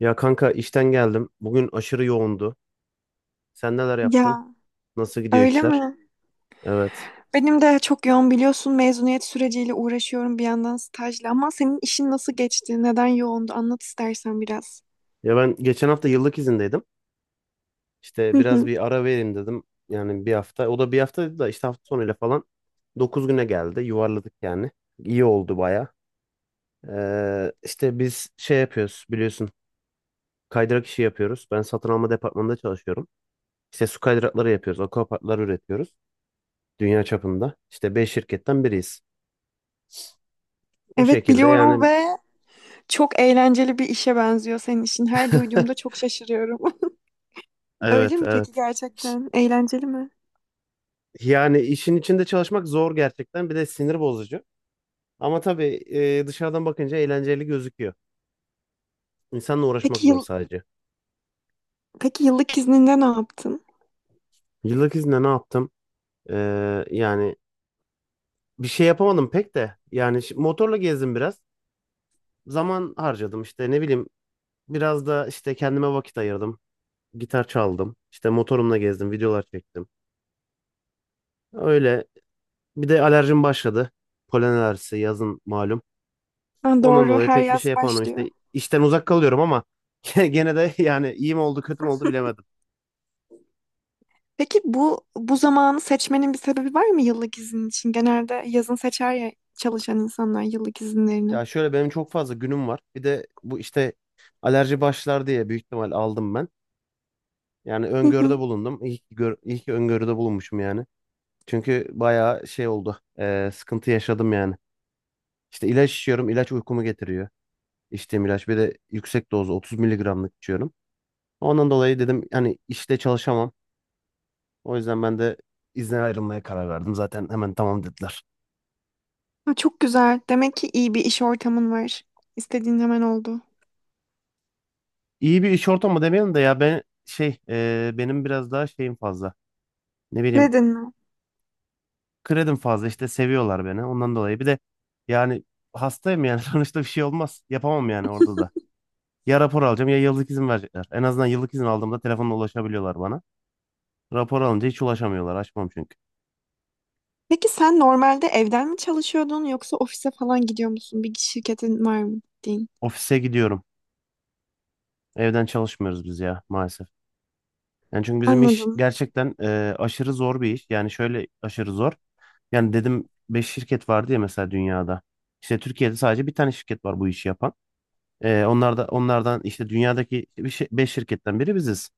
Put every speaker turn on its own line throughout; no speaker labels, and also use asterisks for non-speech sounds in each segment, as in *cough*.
Ya kanka işten geldim. Bugün aşırı yoğundu. Sen neler yaptın?
Ya
Nasıl gidiyor
öyle
işler?
mi?
Evet.
Benim de çok yoğun biliyorsun mezuniyet süreciyle uğraşıyorum bir yandan stajla ama senin işin nasıl geçti? Neden yoğundu? Anlat istersen biraz.
Ya ben geçen hafta yıllık izindeydim. İşte
Hı
biraz
hı.
bir ara vereyim dedim. Yani bir hafta. O da bir hafta dedi da işte hafta sonuyla falan. 9 güne geldi. Yuvarladık yani. İyi oldu baya. İşte biz şey yapıyoruz biliyorsun. Kaydırak işi yapıyoruz. Ben satın alma departmanında çalışıyorum. İşte su kaydırakları yapıyoruz. Akvaparklar üretiyoruz. Dünya çapında. İşte 5 şirketten biriyiz. Bu
Evet
şekilde
biliyorum
yani.
ve çok eğlenceli bir işe benziyor senin işin. Her duyduğumda
*laughs*
çok şaşırıyorum. *laughs* Öyle
Evet,
mi peki
evet.
gerçekten? Eğlenceli mi?
Yani işin içinde çalışmak zor gerçekten. Bir de sinir bozucu. Ama tabii, dışarıdan bakınca eğlenceli gözüküyor. İnsanla uğraşmak
Peki
zor
yıl
sadece.
Peki yıllık izninde ne yaptın?
Yıllık izinde ne yaptım? Yani bir şey yapamadım pek de. Yani motorla gezdim biraz. Zaman harcadım işte, ne bileyim. Biraz da işte kendime vakit ayırdım. Gitar çaldım. İşte motorumla gezdim. Videolar çektim. Öyle. Bir de alerjim başladı. Polen alerjisi yazın malum.
Ha,
Ondan
doğru,
dolayı
her
pek bir şey
yaz
yapamadım
başlıyor.
işte. İşten uzak kalıyorum ama *laughs* gene de yani iyi mi oldu kötü mü oldu bilemedim.
Peki bu zamanı seçmenin bir sebebi var mı yıllık izin için? Genelde yazın seçer ya çalışan insanlar yıllık izinlerini.
Ya şöyle, benim çok fazla günüm var. Bir de bu işte alerji başlar diye büyük ihtimal aldım ben. Yani öngörüde
*laughs*
bulundum. İyi ki, iyi ki öngörüde bulunmuşum yani. Çünkü bayağı şey oldu. Sıkıntı yaşadım yani. İşte ilaç içiyorum. İlaç uykumu getiriyor. İçtiğim ilaç. Bir de yüksek dozu 30 miligramlık içiyorum. Ondan dolayı dedim hani, işte çalışamam. O yüzden ben de izne ayrılmaya karar verdim. Zaten hemen tamam dediler.
Ha, çok güzel. Demek ki iyi bir iş ortamın var. İstediğin hemen oldu.
İyi bir iş ortamı demeyelim de, ya ben şey, benim biraz daha şeyim fazla. Ne bileyim,
Dedin mi?
kredim fazla işte, seviyorlar beni ondan dolayı. Bir de yani hastayım yani, *laughs* sonuçta bir şey olmaz. Yapamam yani orada da. Ya rapor alacağım ya yıllık izin verecekler. En azından yıllık izin aldığımda telefonla ulaşabiliyorlar bana. Rapor alınca hiç ulaşamıyorlar. Açmam çünkü.
Peki sen normalde evden mi çalışıyordun yoksa ofise falan gidiyor musun? Bir şirketin var mı gittiğin?
Ofise gidiyorum. Evden çalışmıyoruz biz ya maalesef. Yani çünkü bizim iş
Anladım.
gerçekten aşırı zor bir iş. Yani şöyle aşırı zor. Yani dedim, 5 şirket vardı ya mesela dünyada. İşte Türkiye'de sadece bir tane şirket var bu işi yapan. Onlar da, onlardan işte, dünyadaki 5 şirketten biri biziz.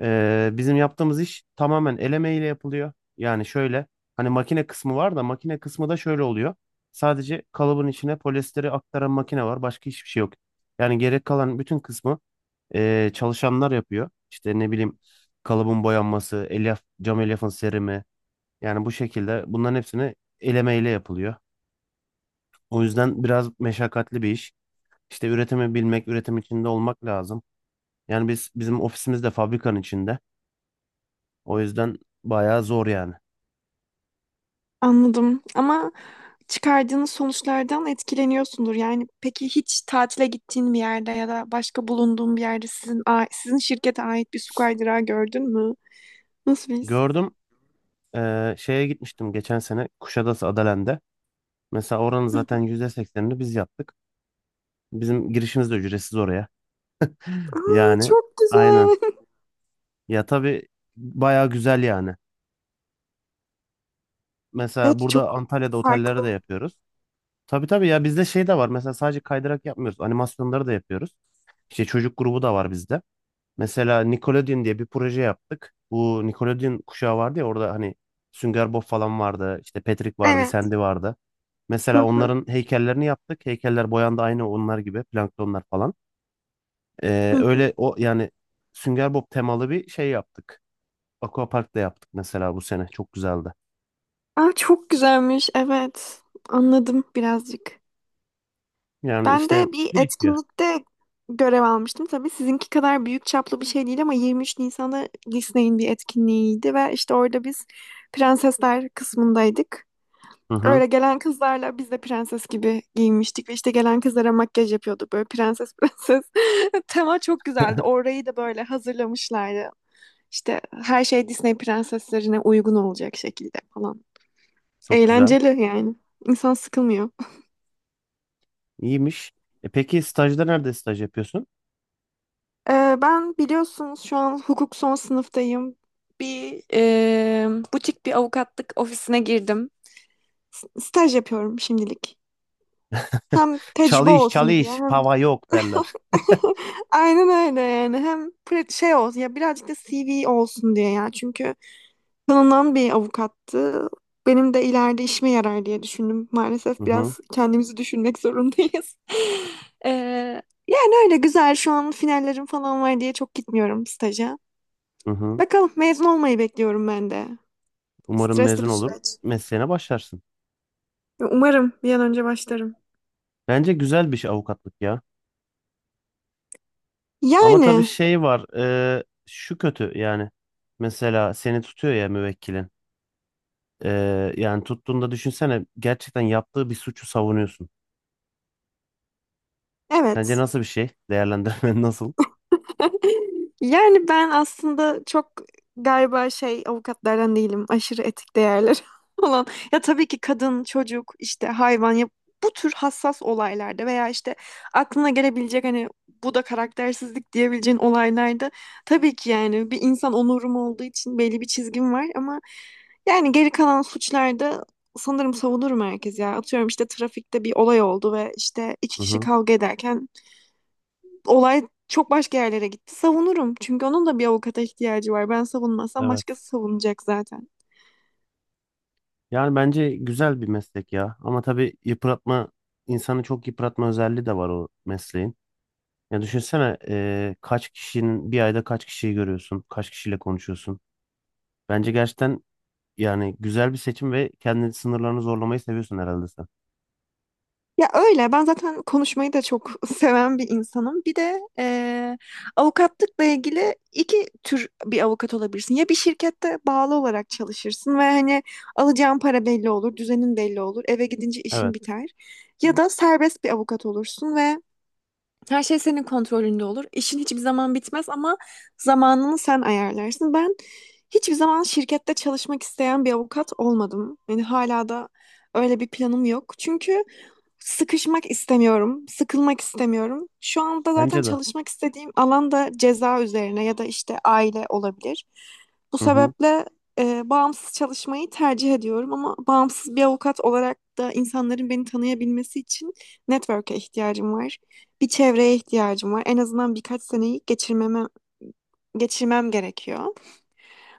Bizim yaptığımız iş tamamen el emeğiyle yapılıyor. Yani şöyle, hani makine kısmı var da, makine kısmı da şöyle oluyor. Sadece kalıbın içine polyesteri aktaran makine var. Başka hiçbir şey yok. Yani gerek kalan bütün kısmı çalışanlar yapıyor. İşte ne bileyim, kalıbın boyanması, elyaf, cam elyafın serimi. Yani bu şekilde bunların hepsini elemeyle yapılıyor. O yüzden biraz meşakkatli bir iş. İşte üretimi bilmek, üretim içinde olmak lazım. Yani bizim ofisimiz de fabrikanın içinde. O yüzden bayağı zor yani.
Anladım. Ama çıkardığınız sonuçlardan etkileniyorsundur. Yani peki hiç tatile gittiğin bir yerde ya da başka bulunduğun bir yerde sizin şirkete ait bir su kaydırağı gördün mü? Nasıl bir his?
Gördüm, şeye gitmiştim geçen sene Kuşadası Adalen'de. Mesela oranın
Hı
zaten
hı.
%80 biz yaptık. Bizim girişimiz de ücretsiz oraya.
Aa,
Yani
çok
aynen.
güzel. *laughs*
Ya tabii, bayağı güzel yani. Mesela
Evet
burada
çok
Antalya'da otellere
farklı.
de yapıyoruz. Tabii tabii, ya bizde şey de var. Mesela sadece kaydırak yapmıyoruz. Animasyonları da yapıyoruz. İşte çocuk grubu da var bizde. Mesela Nickelodeon diye bir proje yaptık. Bu Nickelodeon kuşağı vardı ya, orada hani Sünger Bob falan vardı. İşte Patrick vardı,
Evet.
Sandy vardı. Mesela
Hı hı.
onların heykellerini yaptık. Heykeller boyandı aynı onlar gibi. Planktonlar falan.
Hı hı.
Öyle o yani. Sünger Bob temalı bir şey yaptık. Aquapark da yaptık mesela bu sene. Çok güzeldi.
Aa, çok güzelmiş. Evet. Anladım birazcık.
Yani
Ben
işte
de bir
değişiyor.
etkinlikte görev almıştım. Tabii sizinki kadar büyük çaplı bir şey değil ama 23 Nisan'da Disney'in bir etkinliğiydi ve işte orada biz prensesler kısmındaydık.
Hı hı.
Öyle gelen kızlarla biz de prenses gibi giyinmiştik ve işte gelen kızlara makyaj yapıyorduk böyle prenses prenses. *laughs* Tema çok güzeldi. Orayı da böyle hazırlamışlardı. İşte her şey Disney prenseslerine uygun olacak şekilde falan.
Çok güzel.
Eğlenceli yani. İnsan sıkılmıyor.
İyiymiş. E peki, stajda nerede staj yapıyorsun?
Ben biliyorsunuz şu an hukuk son sınıftayım. Bir e, Butik bir avukatlık ofisine girdim. Staj yapıyorum şimdilik.
*laughs*
Hem tecrübe
Çalış
olsun diye
çalış
hem
pava yok derler.
*laughs* aynen öyle yani hem şey olsun ya birazcık da CV olsun diye ya çünkü tanınan bir avukattı. Benim de ileride işime yarar diye düşündüm.
Hı
Maalesef
hı,
biraz kendimizi düşünmek zorundayız. *laughs* Ee, Yani öyle güzel şu an finallerim falan var diye çok gitmiyorum staja.
hı hı.
Bakalım mezun olmayı bekliyorum ben de.
Umarım
Stresli
mezun
bir
olur
süreç.
mesleğine başlarsın.
Umarım bir an önce başlarım.
Bence güzel bir şey avukatlık ya. Ama tabii
Yani
şey var, şu kötü yani. Mesela seni tutuyor ya müvekkilin. E, yani tuttuğunda düşünsene, gerçekten yaptığı bir suçu savunuyorsun. Sence
evet.
nasıl bir şey? Değerlendirmen *laughs* nasıl?
*laughs* Yani ben aslında çok galiba şey avukatlardan değilim. Aşırı etik değerler *laughs* olan. Ya tabii ki kadın, çocuk, işte hayvan ya bu tür hassas olaylarda veya işte aklına gelebilecek hani bu da karaktersizlik diyebileceğin olaylarda tabii ki yani bir insan onurum olduğu için belli bir çizgim var ama yani geri kalan suçlarda sanırım savunurum herkes ya. Atıyorum işte trafikte bir olay oldu ve işte iki
Hı
kişi
hı.
kavga ederken olay çok başka yerlere gitti. Savunurum. Çünkü onun da bir avukata ihtiyacı var. Ben savunmazsam
Evet.
başkası savunacak zaten.
Yani bence güzel bir meslek ya. Ama tabii yıpratma, insanı çok yıpratma özelliği de var o mesleğin. Ya düşünsene, kaç kişinin bir ayda, kaç kişiyi görüyorsun, kaç kişiyle konuşuyorsun. Bence gerçekten, yani güzel bir seçim, ve kendi sınırlarını zorlamayı seviyorsun herhalde sen.
Ya öyle. Ben zaten konuşmayı da çok *laughs* seven bir insanım. Bir de avukatlıkla ilgili iki tür bir avukat olabilirsin. Ya bir şirkette bağlı olarak çalışırsın ve hani alacağın para belli olur, düzenin belli olur, eve gidince işin
Evet,
biter. Ya da serbest bir avukat olursun ve her şey senin kontrolünde olur. İşin hiçbir zaman bitmez ama zamanını sen ayarlarsın. Ben hiçbir zaman şirkette çalışmak isteyen bir avukat olmadım. Yani hala da öyle bir planım yok. Çünkü sıkışmak istemiyorum, sıkılmak istemiyorum. Şu anda zaten
bence de.
çalışmak istediğim alan da ceza üzerine ya da işte aile olabilir. Bu
Hı hı.
sebeple bağımsız çalışmayı tercih ediyorum ama bağımsız bir avukat olarak da insanların beni tanıyabilmesi için network'e ihtiyacım var. Bir çevreye ihtiyacım var. En azından birkaç seneyi geçirmem gerekiyor.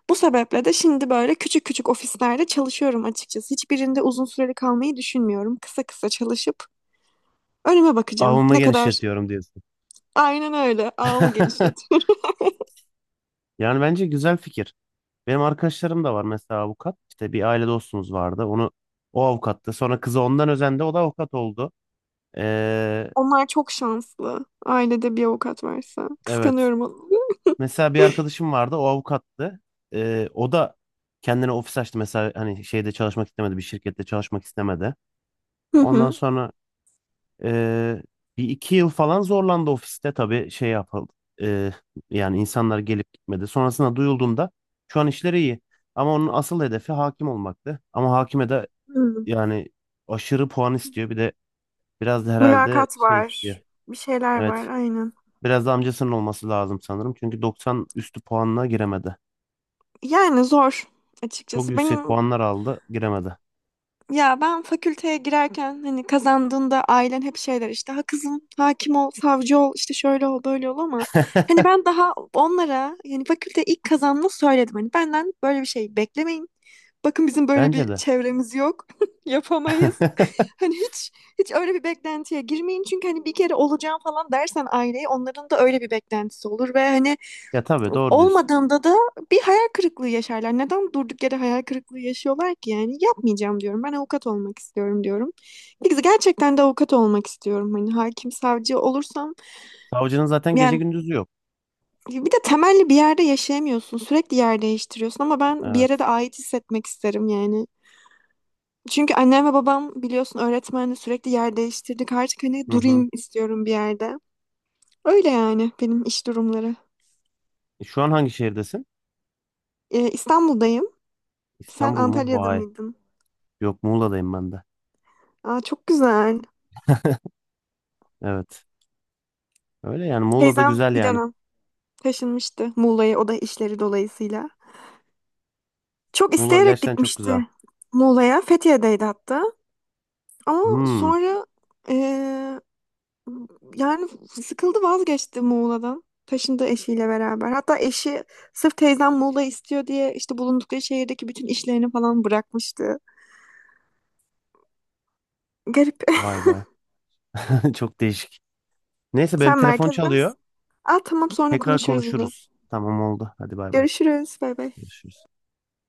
Bu sebeple de şimdi böyle küçük küçük ofislerde çalışıyorum açıkçası. Hiçbirinde uzun süreli kalmayı düşünmüyorum. Kısa kısa çalışıp önüme bakacağım.
Avamı
Ne kadar?
genişletiyorum diyorsun.
Aynen öyle. Ağımı
*laughs*
genişletiyorum.
Yani bence güzel fikir. Benim arkadaşlarım da var mesela avukat. İşte bir aile dostumuz vardı. O avukattı. Sonra kızı ondan özendi. O da avukat oldu. Eee
*laughs* Onlar çok şanslı. Ailede bir avukat varsa.
Evet.
Kıskanıyorum onu.
Mesela bir arkadaşım vardı, o avukattı. O da kendine ofis açtı mesela, hani şeyde çalışmak istemedi, bir şirkette çalışmak istemedi.
Hı
Ondan
hı.
sonra ee, bir iki yıl falan zorlandı ofiste, tabii şey yapıldı. Ee, yani insanlar gelip gitmedi. Sonrasında duyulduğunda şu an işleri iyi. Ama onun asıl hedefi hakim olmaktı. Ama hakime de
Hı.
yani aşırı puan istiyor. Bir de biraz da herhalde
Mülakat
şey
var.
istiyor.
Bir şeyler var
Evet.
aynen.
Biraz da amcasının olması lazım sanırım. Çünkü 90 üstü puanla giremedi.
Yani zor
Çok
açıkçası.
yüksek
Benim
puanlar aldı, giremedi.
Ya ben fakülteye girerken hani kazandığında ailen hep şeyler işte ha kızım hakim ol, savcı ol, işte şöyle ol, böyle ol ama hani
*laughs*
ben daha onlara yani fakülte ilk kazandığımda söyledim hani benden böyle bir şey beklemeyin. Bakın bizim böyle bir
Bence de.
çevremiz yok. *laughs* Yapamayız.
*laughs*
*laughs* Hani hiç Hiç öyle bir beklentiye girmeyin çünkü hani bir kere olacağım falan dersen aileyi onların da öyle bir beklentisi olur ve hani
Ya tabii, doğru diyorsun.
olmadığında da bir hayal kırıklığı yaşarlar. Neden durduk yere hayal kırıklığı yaşıyorlar ki? Yani yapmayacağım diyorum. Ben avukat olmak istiyorum diyorum. Biz gerçekten de avukat olmak istiyorum. Hani hakim, savcı olursam
Savcının zaten gece
yani
gündüzü yok.
bir de temelli bir yerde yaşayamıyorsun. Sürekli yer değiştiriyorsun ama ben bir yere de
Evet.
ait hissetmek isterim yani. Çünkü annem ve babam biliyorsun öğretmenle sürekli yer değiştirdik. Artık hani
Hı hı.
durayım istiyorum bir yerde. Öyle yani benim iş durumları.
Şu an hangi şehirdesin?
İstanbul'dayım. Sen
İstanbul mu?
Antalya'da
Vay.
mıydın?
Yok, Muğla'dayım ben de.
Aa, çok güzel.
Evet. Öyle yani, Muğla da
Teyzem
güzel
bir
yani.
dönem taşınmıştı Muğla'ya o da işleri dolayısıyla. Çok
Muğla
isteyerek
gerçekten çok
gitmişti
güzel.
Muğla'ya. Fethiye'deydi hatta. Ama
Hmm.
sonra eee, yani sıkıldı vazgeçti Muğla'dan. Taşındı eşiyle beraber. Hatta eşi sırf teyzem Muğla istiyor diye işte bulundukları şehirdeki bütün işlerini falan bırakmıştı. Garip.
Vay be. *laughs* Çok değişik. Neyse,
*laughs*
benim
Sen
telefon
merkezde
çalıyor.
misin? Aa tamam sonra
Tekrar
konuşuruz yine.
konuşuruz. Tamam, oldu. Hadi, bay bay.
Görüşürüz. Bay bay.
Görüşürüz.